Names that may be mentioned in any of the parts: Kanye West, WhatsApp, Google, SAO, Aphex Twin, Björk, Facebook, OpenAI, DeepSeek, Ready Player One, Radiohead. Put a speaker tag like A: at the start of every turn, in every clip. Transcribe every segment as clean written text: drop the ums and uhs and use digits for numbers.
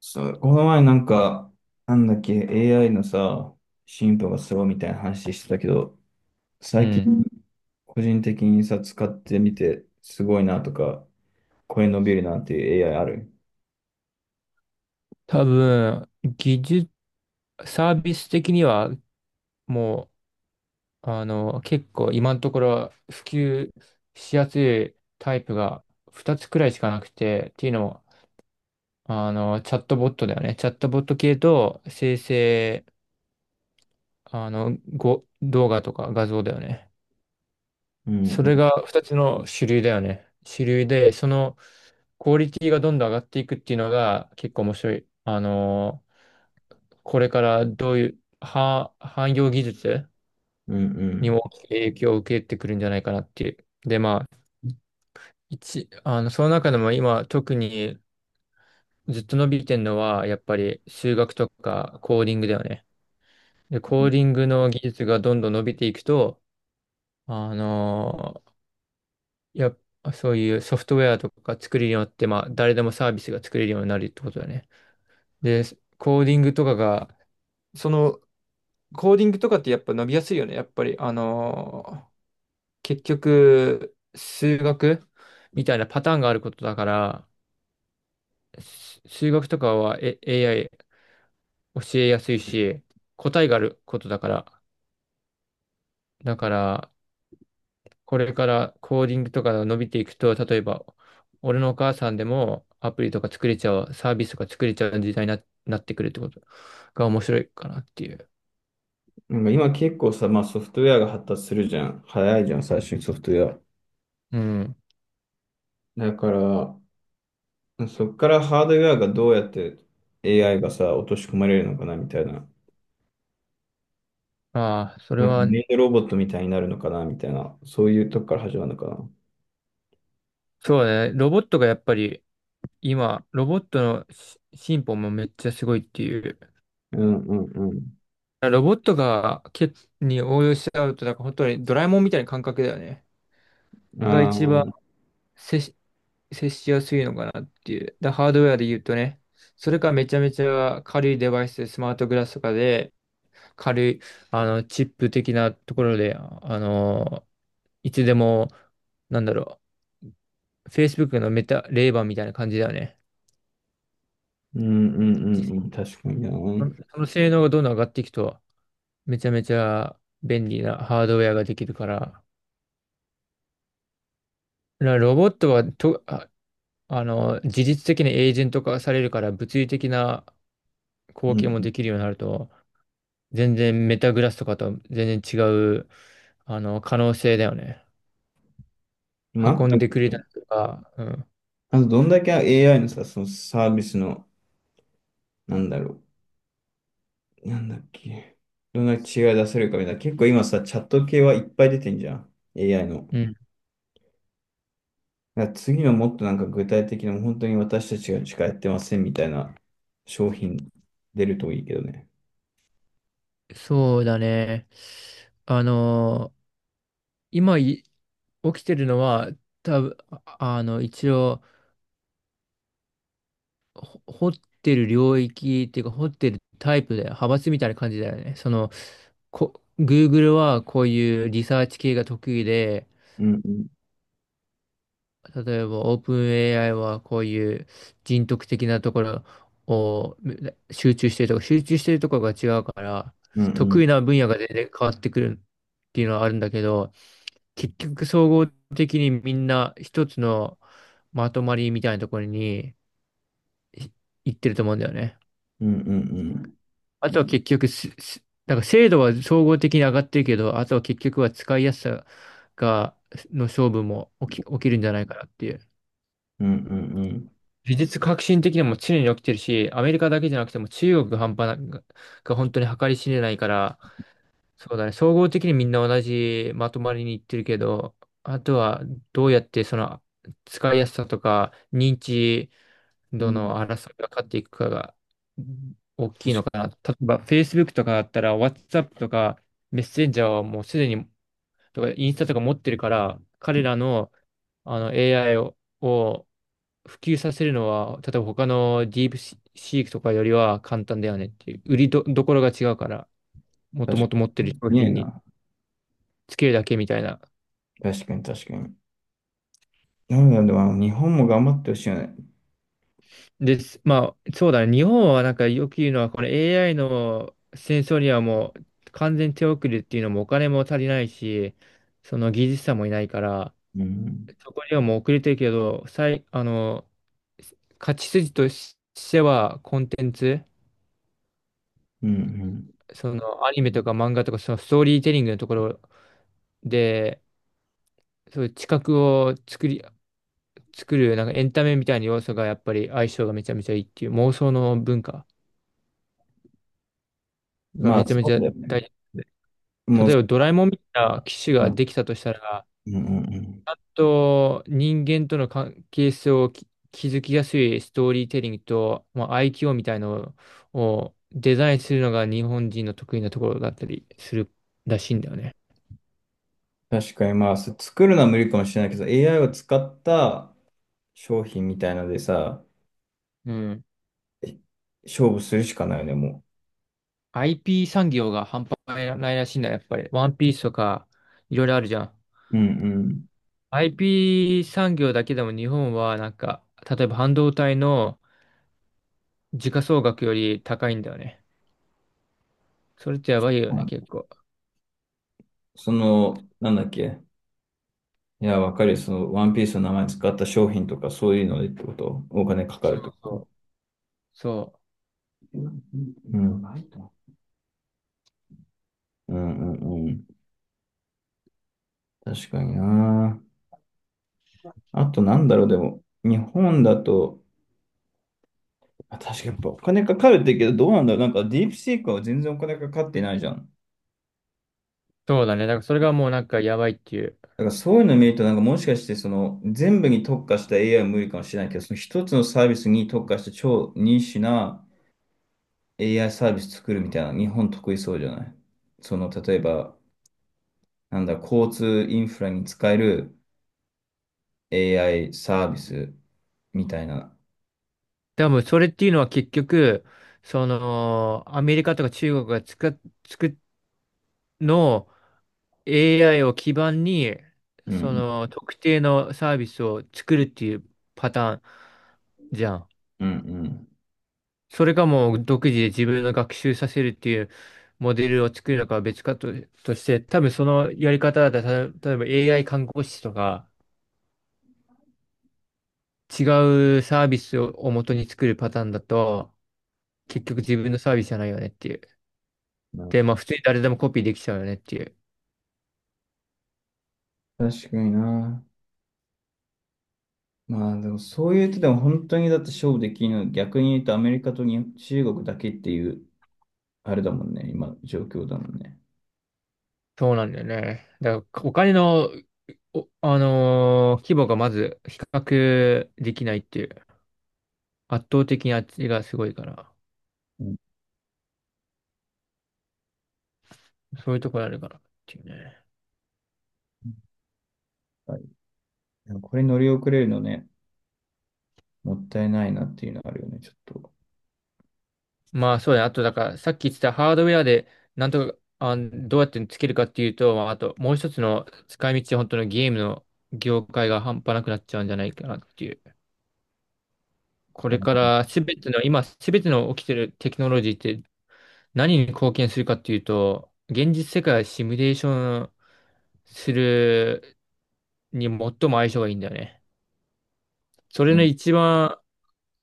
A: そう、この前なんか、なんだっけ、AI のさ、進歩がすごいみたいな話してたけど、
B: う
A: 最近、う
B: ん。
A: ん、個人的にさ、使ってみて、すごいなとか、これ伸びるなっていう AI ある？
B: 多分、技術、サービス的には、もう、あの、結構今のところ普及しやすいタイプが2つくらいしかなくて、っていうのも、チャットボットだよね。チャットボット系と生成、動画とか画像だよね。
A: うん
B: そ
A: うん
B: れが2つの主流だよね。主流で、そのクオリティがどんどん上がっていくっていうのが結構面白い。これからどういう、汎用技術
A: うんう
B: に
A: ん。
B: も大きく影響を受けてくるんじゃないかなっていう。で、まあ、一、あの、その中でも今特にずっと伸びてるのは、やっぱり数学とかコーディングだよね。で、コーディングの技術がどんどん伸びていくと、あのーやっぱそういうソフトウェアとか作れるようになって、まあ、誰でもサービスが作れるようになるってことだね。で、コーディングとかが、その、コーディングとかってやっぱ伸びやすいよね。やっぱり、結局、数学みたいなパターンがあることだから、数学とかは、AI 教えやすいし、答えがあることだから、だから、これからコーディングとかが伸びていくと、例えば、俺のお母さんでもアプリとか作れちゃう、サービスとか作れちゃう時代になってくるってことが面白いかなっていう。
A: なんか今結構さ、まあソフトウェアが発達するじゃん。早いじゃん、最初にソフトウェア。
B: うん。
A: だから、そっからハードウェアがどうやって AI がさ、落とし込まれるのかなみたいな。
B: まあ、それ
A: なんか
B: は、
A: メイドロボットみたいになるのかなみたいな。そういうとこから始まるのかな。
B: そうね、ロボットがやっぱり、今、ロボットの進歩もめっちゃすごいっていう。
A: うんうんうん。
B: ロボットがに応用しちゃうと、なんか本当にドラえもんみたいな感覚だよね。
A: あ
B: が
A: あ、
B: 一
A: う
B: 番
A: ん
B: 接し、接しやすいのかなっていう。ハードウェアで言うとね、それかめちゃめちゃ軽いデバイスで、スマートグラスとかで、軽い、あの、チップ的なところで、いつでも、なんだろFacebook のレーバーみたいな感じだよね。
A: うんう
B: 実
A: んうん。確かにな。
B: そ
A: う
B: のその性能がどんどん上がっていくと、めちゃめちゃ便利なハードウェアができるから、らロボットはと、あ、あの、事実的にエージェント化されるから物理的な貢献も
A: ん。
B: できるようになると、全然メタグラスとかと全然違う、可能性だよね。
A: まあ、
B: 運んでくれたりとか、うん。
A: あとどんだけ AI のさ、そのサービスの、なんだろう。なんだっけ。どんだけ違い出せるかみたいな。結構今さ、チャット系はいっぱい出てんじゃん。AI の。
B: うん。
A: だから次のもっとなんか具体的な、本当に私たちがしかやってませんみたいな商品出るといいけどね。
B: そうだね。あの、今起きてるのは、多分、一応、掘ってる領域っていうか、掘ってるタイプで、派閥みたいな感じだよね。その、Google はこういうリサーチ系が得意で、
A: うんうん
B: 例えば OpenAI はこういう人徳的なところを集中してるとか、集中してるところが違うから、
A: うんう
B: 得
A: ん
B: 意な分野が全然変わってくるっていうのはあるんだけど、結局総合的にみんな一つのまとまりみたいなところにい行ってると思うんだよね。
A: うんうん
B: あとは結局なんか精度は総合的に上がってるけど、あとは結局は使いやすさが、の勝負も起きるんじゃないかなっていう。
A: うんうんうんうん。
B: 技術革新的にも常に起きてるし、アメリカだけじゃなくても中国が半端な、が本当に計り知れないから、そうだね、総合的にみんな同じまとまりにいってるけど、あとはどうやってその使いやすさとか認知
A: う
B: ど
A: ん、
B: の争いが勝っていくかがうん大きいのかな。
A: 確
B: 例えば、Facebook とかだったら、WhatsApp とか、メッセンジャーはもうすでに、とか、インスタとか持ってるから、彼らの、あの AI を、普及させるのは、例えば他のディープシークとかよりは簡単だよねっていう、売りど、どころが違うから、も
A: か
B: と
A: に。
B: も
A: 確か
B: と持ってる商
A: に。ねえ
B: 品に
A: な。
B: つけるだけみたいな
A: 確かに確かに。なので、まあ、日本も頑張ってほしいよね。
B: です。まあ、そうだね。日本はなんかよく言うのは、この AI の戦争にはもう完全手遅れっていうのもお金も足りないし、その技術者もいないから、
A: うん。
B: そこにはもう遅れてるけど、最、あの、勝ち筋としてはコンテンツ、
A: うん、うん。
B: そのアニメとか漫画とかそのストーリーテリングのところで、そういう知覚を作り、作るなんかエンタメみたいな要素がやっぱり相性がめちゃめちゃいいっていう妄想の文化が
A: まあ、
B: めちゃめ
A: そ
B: ち
A: う
B: ゃ
A: だよね。
B: 大事。
A: もう、
B: 例えばドラえもんみたいな機種
A: う
B: が
A: ん
B: できたとしたら、
A: うんうん。
B: と人間との関係性を築きやすいストーリーテリングと、まあ、IQ みたいのをデザインするのが日本人の得意なところだったりするらしいんだよね。
A: 確かに、まあ、作るのは無理かもしれないけど、AI を使った商品みたいのでさ、
B: うん。
A: え勝負するしかないよね、も
B: IP 産業が半端ないらしいんだ、やっぱり。ワンピースとか、いろいろあるじゃん。
A: う。うんうん。
B: IP 産業だけでも日本はなんか、例えば半導体の時価総額より高いんだよね。それってやばいよ
A: は
B: ね、結
A: い、
B: 構。
A: その、なんだっけ。いや、わかるよ。その、ワンピースの名前使った商品とか、そういうのでってこと。お金かか
B: そ
A: る
B: う
A: ってこと。
B: そうそう。
A: うん。うんうんうん。確かにな。あとなんだろう、でも、日本だと、あ、確かにやっぱお金かかるって言うけど、どうなんだろう、なんかディープシークは全然お金かかってないじゃん。
B: そうだね。だからそれがもうなんかやばいっていう。
A: だからそういうの見ると、なんかもしかしてその全部に特化した AI は無理かもしれないけど、その一つのサービスに特化した超ニッチな AI サービス作るみたいな、日本得意そうじゃない？その、例えば、なんだ、交通インフラに使える AI サービスみたいな。
B: 多分それっていうのは結局、その、アメリカとか中国がつくの AI を基盤に、
A: う
B: そ
A: ん、
B: の特定のサービスを作るっていうパターンじゃん。
A: うん、
B: それかもう独自で自分の学習させるっていうモデルを作るのかは別かと、として、多分そのやり方だと、例えば AI 看護師とか違うサービスを、元に作るパターンだと、結局自分のサービスじゃないよねっていう。
A: うんう
B: で、ま
A: ん。
B: あ普通に誰でもコピーできちゃうよねっていう。
A: 確かにな。まあでもそういうとでも本当にだって勝負できるの逆に言うとアメリカとに中国だけっていうあれだもんね、今の状況だもんね。
B: そうなんだよね。だからお金の、お、あのー規模がまず比較できないっていう。圧倒的にあっちがすごいから。
A: うん、
B: そういうところあるかなっていうね。
A: はい、でもこれ乗り遅れるのね、もったいないなっていうのはあるよね、ちょっと。
B: まあそうだね。あとだからさっき言ってたハードウェアでなんとか、どうやってつけるかっていうと、まああともう一つの使い道、本当のゲームの業界が半端なくなっちゃうんじゃないかなっていう。こ
A: あ
B: れ
A: の
B: からすべての、今すべての起きてるテクノロジーって何に貢献するかっていうと、現実世界をシミュレーションするに最も相性がいいんだよね。そ
A: う
B: れの
A: ん
B: 一番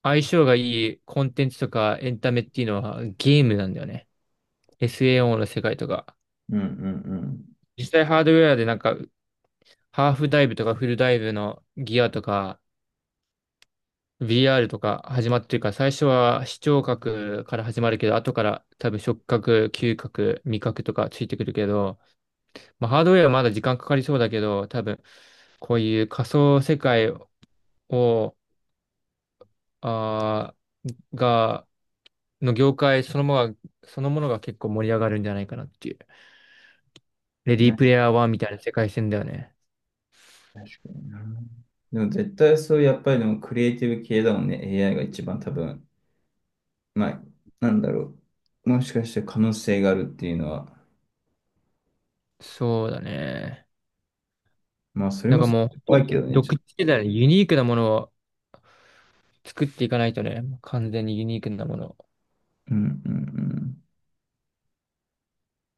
B: 相性がいいコンテンツとかエンタメっていうのはゲームなんだよね。SAO の世界とか。
A: うんうん
B: 実際ハードウェアでなんかハーフダイブとかフルダイブのギアとか VR とか始まってるから最初は視聴覚から始まるけど後から多分触覚、嗅覚、味覚とかついてくるけどまあ、ハードウェアはまだ時間かかりそうだけど、多分、こういう仮想世界を、あーが、の業界そのものが、そのものが結構盛り上がるんじゃないかなっていう。レ
A: うん。
B: ディー
A: ね、
B: プレイヤー1みたいな世界線だよね。
A: 確かにな。でも絶対そうやっぱりでもクリエイティブ系だもんね、 AI が一番多分、まあなんだろう、もしかして可能性があるっていうのは、
B: そうだね。
A: まあそれ
B: なん
A: も
B: か
A: すご
B: もう、
A: い
B: 本当
A: 怖い
B: に
A: けどね、ち
B: 独
A: ょっ
B: 自
A: と。
B: 世代のユニークなものを作っていかないとね、完全にユニークなものっ
A: うんうんうん。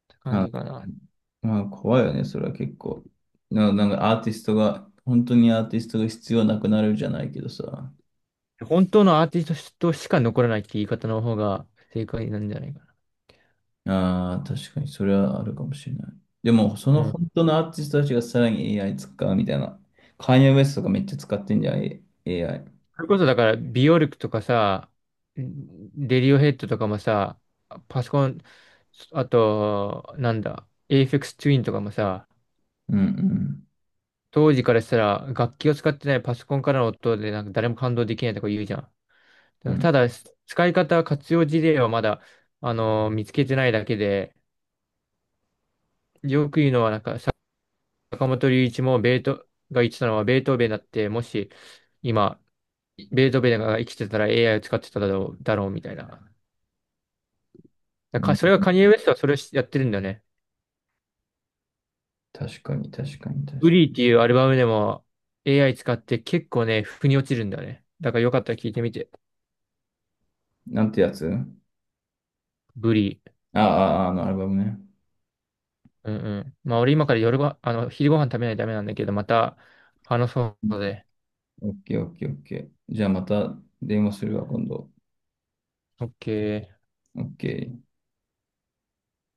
B: て感
A: あ、
B: じかな。
A: まあ、怖いよね、それは結構。なんかアーティストが、本当にアーティストが必要なくなるじゃないけどさ。
B: 本当のアーティストとしか残らないって言い方の方が正解なんじゃないか
A: ああ、確かにそれはあるかもしれない。でも、その
B: な。
A: 本当のアーティストたちがさらに AI 使うみたいな。カーニェ・ウエストとかめっちゃ使ってんじゃん、A- i
B: それこそだから、ビオルクとかさ、レディオヘッドとかもさ、パソコン、あと、なんだ、エイフェクスツインとかもさ、
A: うんうん。
B: 当時からしたら楽器を使ってないパソコンからの音でなんか誰も感動できないとか言うじゃん。
A: うん
B: ただ、使い方、活用事例はまだ、あの見つけてないだけで、よく言うのはなんか、坂本龍一もベートが言ってたのはベートーベンだって、もし今、ベートーベンが生きてたら AI を使ってただろうみたいな。だ
A: う
B: からか
A: ん。
B: それがカニエ・ウェストはそれをやってるんだよね。
A: 確かに、確かに、確
B: ウ
A: か
B: リーっていうアルバムでも AI 使って結構ね、腑に落ちるんだよね。だからよかったら聞いてみて。
A: に。なんてやつ？
B: ブリー。
A: ああ、ああのアルバムね。
B: うんうん。まあ俺今から夜ご、あの、昼ご飯食べないとダメなんだけど、また話そうので。
A: オッケー、オッケー、オッケー。じゃあまた電話するわ、今度。
B: オッケー。
A: オッケー。